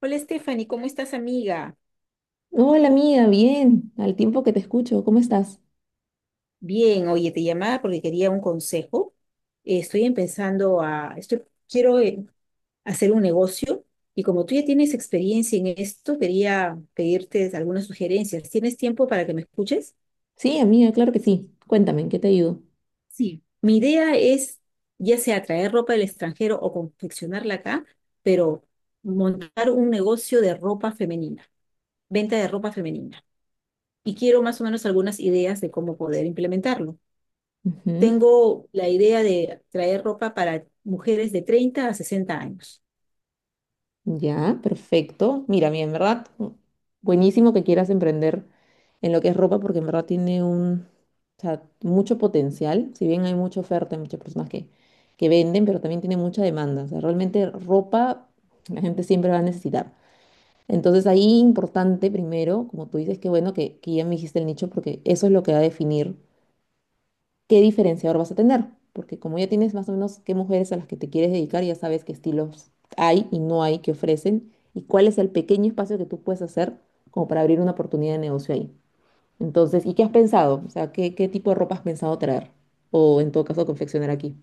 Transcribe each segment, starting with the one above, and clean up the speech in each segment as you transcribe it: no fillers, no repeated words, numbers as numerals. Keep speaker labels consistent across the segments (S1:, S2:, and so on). S1: Hola Stephanie, ¿cómo estás amiga?
S2: Hola amiga, bien, al tiempo que te escucho, ¿cómo estás?
S1: Bien, oye, te llamaba porque quería un consejo. Estoy empezando a, estoy, quiero hacer un negocio y como tú ya tienes experiencia en esto, quería pedirte algunas sugerencias. ¿Tienes tiempo para que me escuches?
S2: Sí, amiga, claro que sí. Cuéntame, ¿en qué te ayudo?
S1: Sí, mi idea es ya sea traer ropa del extranjero o confeccionarla acá, pero montar un negocio de ropa femenina, venta de ropa femenina. Y quiero más o menos algunas ideas de cómo poder implementarlo.
S2: Ujú,
S1: Tengo la idea de traer ropa para mujeres de 30 a 60 años.
S2: ya, perfecto. Mira, mira, en verdad, buenísimo que quieras emprender en lo que es ropa porque en verdad tiene un, o sea, mucho potencial. Si bien hay mucha oferta, hay muchas personas que venden, pero también tiene mucha demanda. O sea, realmente ropa la gente siempre va a necesitar. Entonces ahí importante primero, como tú dices, que bueno que ya me dijiste el nicho porque eso es lo que va a definir. Qué diferenciador vas a tener, porque como ya tienes más o menos qué mujeres a las que te quieres dedicar, ya sabes qué estilos hay y no hay que ofrecen y cuál es el pequeño espacio que tú puedes hacer como para abrir una oportunidad de negocio ahí. Entonces, ¿y qué has pensado? O sea, ¿qué tipo de ropa has pensado traer? O en todo caso, confeccionar aquí.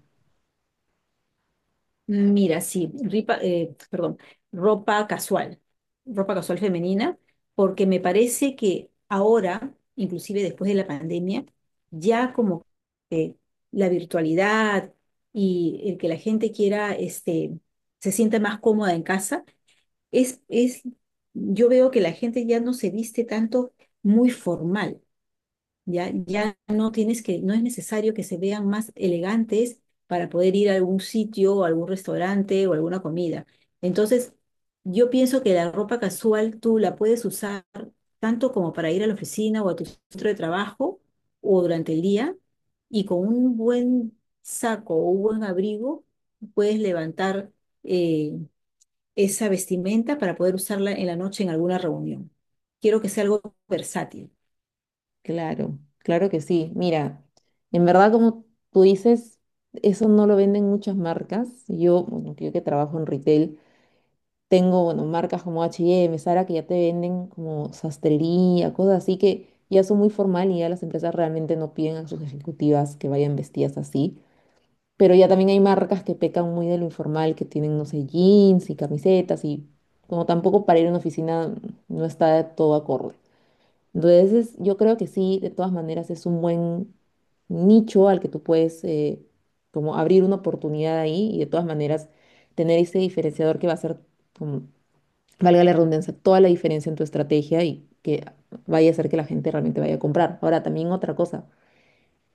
S1: Mira, sí, perdón, ropa casual, ropa casual femenina, porque me parece que ahora, inclusive después de la pandemia, ya como que la virtualidad y el que la gente quiera, se sienta más cómoda en casa, es, es, yo veo que la gente ya no se viste tanto muy formal. Ya, ya no tienes que, no es necesario que se vean más elegantes para poder ir a algún sitio o algún restaurante o alguna comida. Entonces, yo pienso que la ropa casual tú la puedes usar tanto como para ir a la oficina o a tu centro de trabajo o durante el día, y con un buen saco o un buen abrigo puedes levantar eh, esa vestimenta para poder usarla en la noche en alguna reunión. Quiero que sea algo versátil.
S2: Claro, claro que sí. Mira, en verdad, como tú dices, eso no lo venden muchas marcas. Yo, bueno, yo que trabajo en retail. Tengo, bueno, marcas como H&M, Zara, que ya te venden como sastrería, cosas así que ya son muy formal y ya las empresas realmente no piden a sus ejecutivas que vayan vestidas así. Pero ya también hay marcas que pecan muy de lo informal, que tienen, no sé, jeans y camisetas y como tampoco para ir a una oficina no está todo acorde. Entonces, yo creo que sí, de todas maneras es un buen nicho al que tú puedes como abrir una oportunidad ahí y de todas maneras tener ese diferenciador que va a ser como, valga la redundancia, toda la diferencia en tu estrategia y que vaya a hacer que la gente realmente vaya a comprar. Ahora, también otra cosa,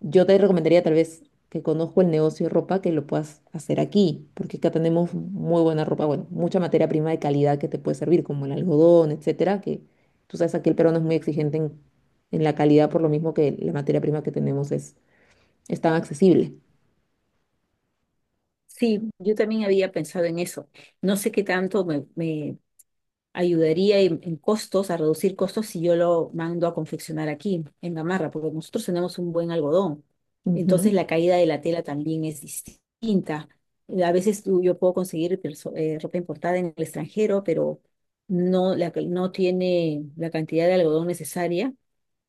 S2: yo te recomendaría tal vez que conozco el negocio de ropa, que lo puedas hacer aquí, porque acá tenemos muy buena ropa, bueno, mucha materia prima de calidad que te puede servir, como el algodón, etcétera, que tú sabes, aquí el peruano es muy exigente en la calidad, por lo mismo que la materia prima que tenemos es tan accesible.
S1: Sí, yo también había pensado en eso. No sé qué tanto me ayudaría en costos, a reducir costos si yo lo mando a confeccionar aquí, en Gamarra, porque nosotros tenemos un buen algodón. Entonces
S2: Ujú,
S1: la caída de la tela también es distinta. A veces yo puedo conseguir ropa importada en el extranjero, pero no tiene la cantidad de algodón necesaria,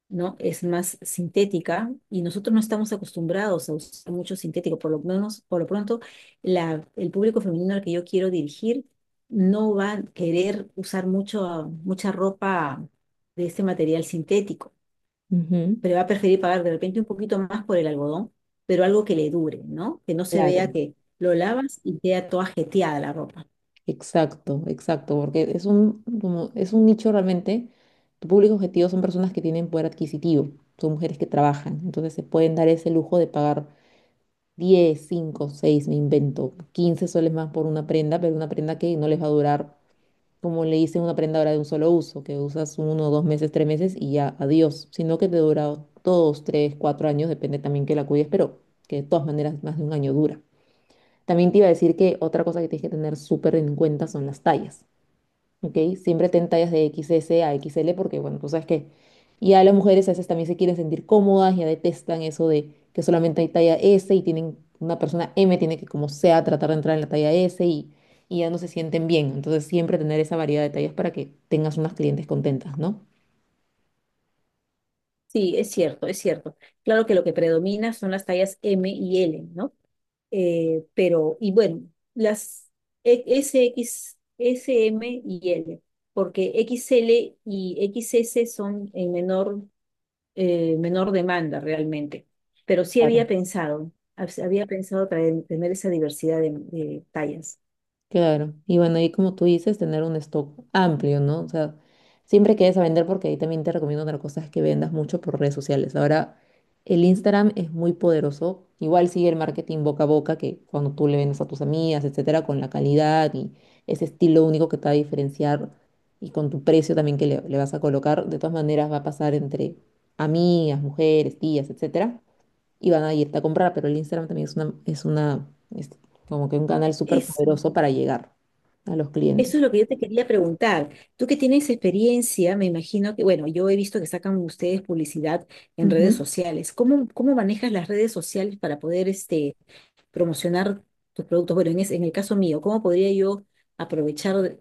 S1: ¿no? Es más sintética y nosotros no estamos acostumbrados a usar mucho sintético. Por lo menos, por lo pronto, el público femenino al que yo quiero dirigir no va a querer usar mucha ropa de este material sintético,
S2: ujú,
S1: pero va a preferir pagar de repente un poquito más por el algodón, pero algo que le dure, ¿no? Que no se
S2: claro.
S1: vea que lo lavas y queda toda jeteada la ropa.
S2: Exacto, exacto, porque es un, como, es un nicho realmente, tu público objetivo son personas que tienen poder adquisitivo, son mujeres que trabajan, entonces se pueden dar ese lujo de pagar 10, 5, 6, me invento, 15 soles más por una prenda, pero una prenda que no les va a durar, como le dicen, una prenda ahora de un solo uso, que usas uno, 2 meses, 3 meses y ya, adiós, sino que te dura 2, 3, 4 años, depende también que la cuides, pero que de todas maneras más de un año dura. También te iba a decir que otra cosa que tienes que tener súper en cuenta son las tallas. ¿Ok? Siempre ten tallas de XS a XL porque, bueno, tú sabes que ya las mujeres a veces también se quieren sentir cómodas, ya detestan eso de que solamente hay talla S y tienen, una persona M tiene que como sea tratar de entrar en la talla S y ya no se sienten bien. Entonces siempre tener esa variedad de tallas para que tengas unas clientes contentas, ¿no?
S1: Sí, es cierto, es cierto. Claro que lo que predomina son las tallas M y L, ¿no? Pero, y bueno, las S, X, S, M y L, porque X L y X S son en menor, menor demanda realmente. Pero sí había
S2: Claro.
S1: pensado, había pensado tener esa diversidad de tallas.
S2: Claro, y bueno, ahí como tú dices, tener un stock amplio, ¿no? O sea, siempre que vayas a vender, porque ahí también te recomiendo otra cosa, es que vendas mucho por redes sociales. Ahora, el Instagram es muy poderoso, igual sigue el marketing boca a boca, que cuando tú le vendes a tus amigas, etcétera, con la calidad y ese estilo único que te va a diferenciar y con tu precio también que le vas a colocar, de todas maneras va a pasar entre amigas, mujeres, tías, etcétera y van a irte a comprar, pero el Instagram también es una, es como que un canal súper
S1: Eso.
S2: poderoso para llegar a los
S1: Eso
S2: clientes.
S1: es lo que yo te quería preguntar. Tú que tienes experiencia, me imagino que, bueno, yo he visto que sacan ustedes publicidad en redes
S2: Ujú.
S1: sociales. ¿Cómo manejas las redes sociales para poder promocionar tus productos? Bueno, en el caso mío, ¿cómo podría yo aprovechar,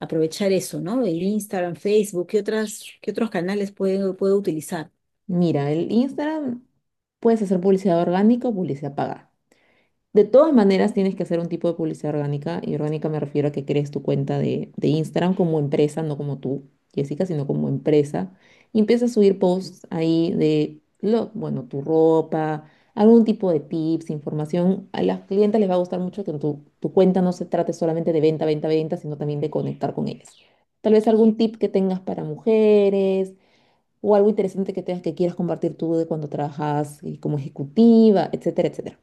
S1: aprovechar eso, ¿no? El Instagram, Facebook, ¿qué otras, qué otros canales puedo utilizar?
S2: Mira, el Instagram puedes hacer publicidad orgánica o publicidad pagada. De todas maneras, tienes que hacer un tipo de publicidad orgánica, y orgánica me refiero a que crees tu cuenta de Instagram como empresa, no como tú, Jessica, sino como empresa, y empiezas a subir posts ahí de, lo, bueno, tu ropa, algún tipo de tips, información. A las clientes les va a gustar mucho que tu cuenta no se trate solamente de venta, venta, venta, sino también de conectar con ellas. Tal vez algún tip que tengas para mujeres, o algo interesante que tengas que quieras compartir tú de cuando trabajas como ejecutiva, etcétera, etcétera.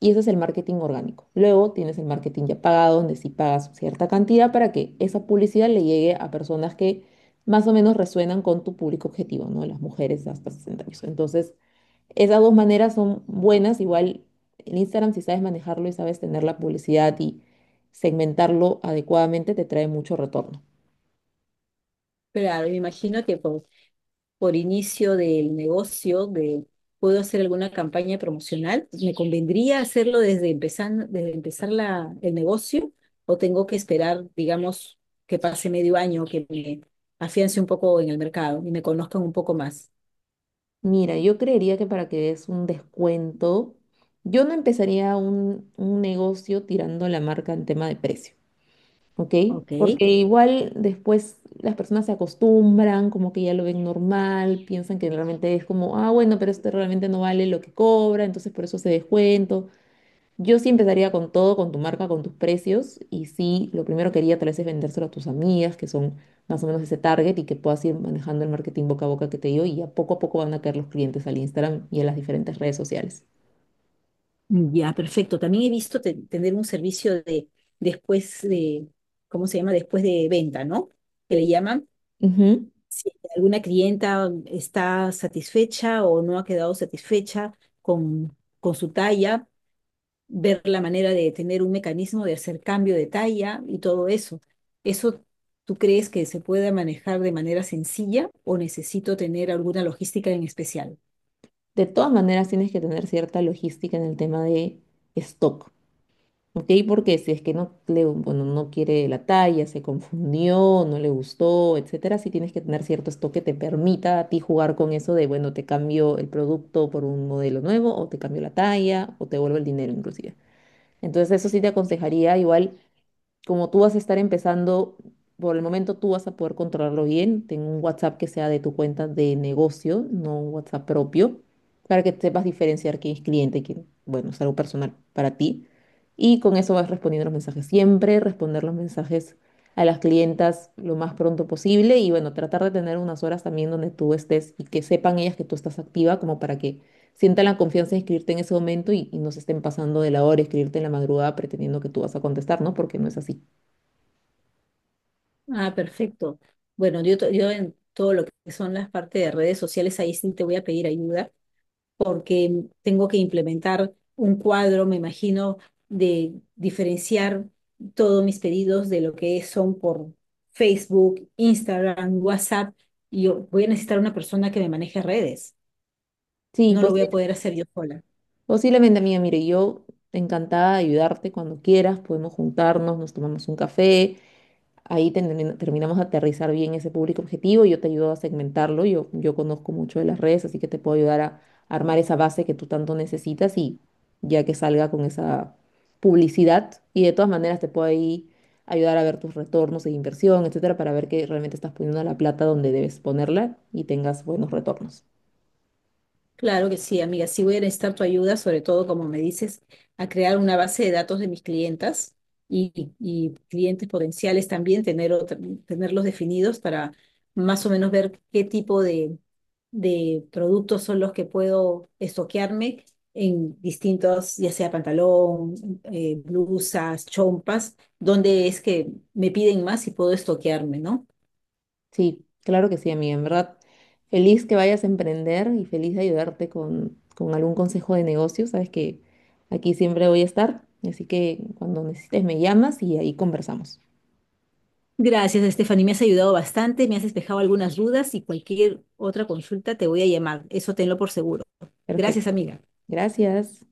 S2: Y eso es el marketing orgánico. Luego tienes el marketing ya pagado, donde sí pagas cierta cantidad para que esa publicidad le llegue a personas que más o menos resuenan con tu público objetivo, ¿no? Las mujeres hasta 60 años. Entonces, esas dos maneras son buenas. Igual el Instagram, si sabes manejarlo y sabes tener la publicidad y segmentarlo adecuadamente, te trae mucho retorno.
S1: Claro, me imagino que por inicio del negocio, de puedo hacer alguna campaña promocional, ¿me convendría hacerlo desde empezar, desde empezar el negocio o tengo que esperar, digamos, que pase medio año, que me afiance un poco en el mercado y me conozcan un poco más?
S2: Mira, yo creería que para que des un descuento, yo no empezaría un negocio tirando la marca en tema de precio, ¿ok?
S1: Ok,
S2: Porque igual después las personas se acostumbran, como que ya lo ven normal, piensan que realmente es como, ah, bueno, pero este realmente no vale lo que cobra, entonces por eso se descuento. Yo sí empezaría con todo, con tu marca, con tus precios. Y sí, lo primero que haría tal vez es vendérselo a tus amigas, que son más o menos ese target, y que puedas ir manejando el marketing boca a boca que te digo. Y a poco van a caer los clientes al Instagram y a las diferentes redes sociales.
S1: ya, perfecto. También he visto tener un servicio de después de, ¿cómo se llama? Después de venta, ¿no? Que le llaman
S2: Ujú.
S1: si alguna clienta está satisfecha o no ha quedado satisfecha con su talla, ver la manera de tener un mecanismo de hacer cambio de talla y todo eso. ¿Eso tú crees que se pueda manejar de manera sencilla o necesito tener alguna logística en especial?
S2: De todas maneras, tienes que tener cierta logística en el tema de stock. Ok, porque si es que no le, bueno, no quiere la talla, se confundió, no le gustó, etcétera, sí tienes que tener cierto stock que te permita a ti jugar con eso de, bueno, te cambio el producto por un modelo nuevo, o te cambio la talla, o te vuelvo el dinero inclusive. Entonces, eso sí te aconsejaría igual como tú vas a estar empezando, por el momento tú vas a poder controlarlo bien. Ten un WhatsApp que sea de tu cuenta de negocio, no un WhatsApp propio, para que sepas diferenciar quién es cliente, y quién, bueno, es algo personal para ti. Y con eso vas respondiendo los mensajes siempre, responder los mensajes a las clientas lo más pronto posible y bueno, tratar de tener unas horas también donde tú estés y que sepan ellas que tú estás activa como para que sientan la confianza de escribirte en ese momento y no se estén pasando de la hora, escribirte en la madrugada pretendiendo que tú vas a contestar, ¿no? Porque no es así.
S1: Ah, perfecto. Bueno, yo en todo lo que son las partes de redes sociales, ahí sí te voy a pedir ayuda porque tengo que implementar un cuadro, me imagino, de diferenciar todos mis pedidos de lo que son por Facebook, Instagram, WhatsApp, y yo voy a necesitar una persona que me maneje redes.
S2: Sí,
S1: No lo voy a poder hacer yo sola.
S2: posiblemente, amiga. Mire, yo encantada de ayudarte cuando quieras. Podemos juntarnos, nos tomamos un café. Ahí terminamos de aterrizar bien ese público objetivo. Yo te ayudo a segmentarlo. Yo conozco mucho de las redes, así que te puedo ayudar a armar esa base que tú tanto necesitas y ya que salga con esa publicidad. Y de todas maneras te puedo ahí ayudar a ver tus retornos de inversión, etcétera, para ver que realmente estás poniendo la plata donde debes ponerla y tengas buenos retornos.
S1: Claro que sí, amiga. Sí voy a necesitar tu ayuda, sobre todo, como me dices, a crear una base de datos de mis clientas y, y clientes potenciales también, tenerlos definidos para más o menos ver qué tipo de productos son los que puedo estoquearme en distintos, ya sea pantalón, blusas, chompas, dónde es que me piden más y puedo estoquearme, ¿no?
S2: Sí, claro que sí, amiga. En verdad, feliz que vayas a emprender y feliz de ayudarte con algún consejo de negocio. Sabes que aquí siempre voy a estar, así que cuando necesites me llamas y ahí conversamos.
S1: Gracias, Estefany. Me has ayudado bastante, me has despejado algunas dudas y cualquier otra consulta te voy a llamar. Eso tenlo por seguro. Gracias,
S2: Perfecto.
S1: amiga.
S2: Gracias.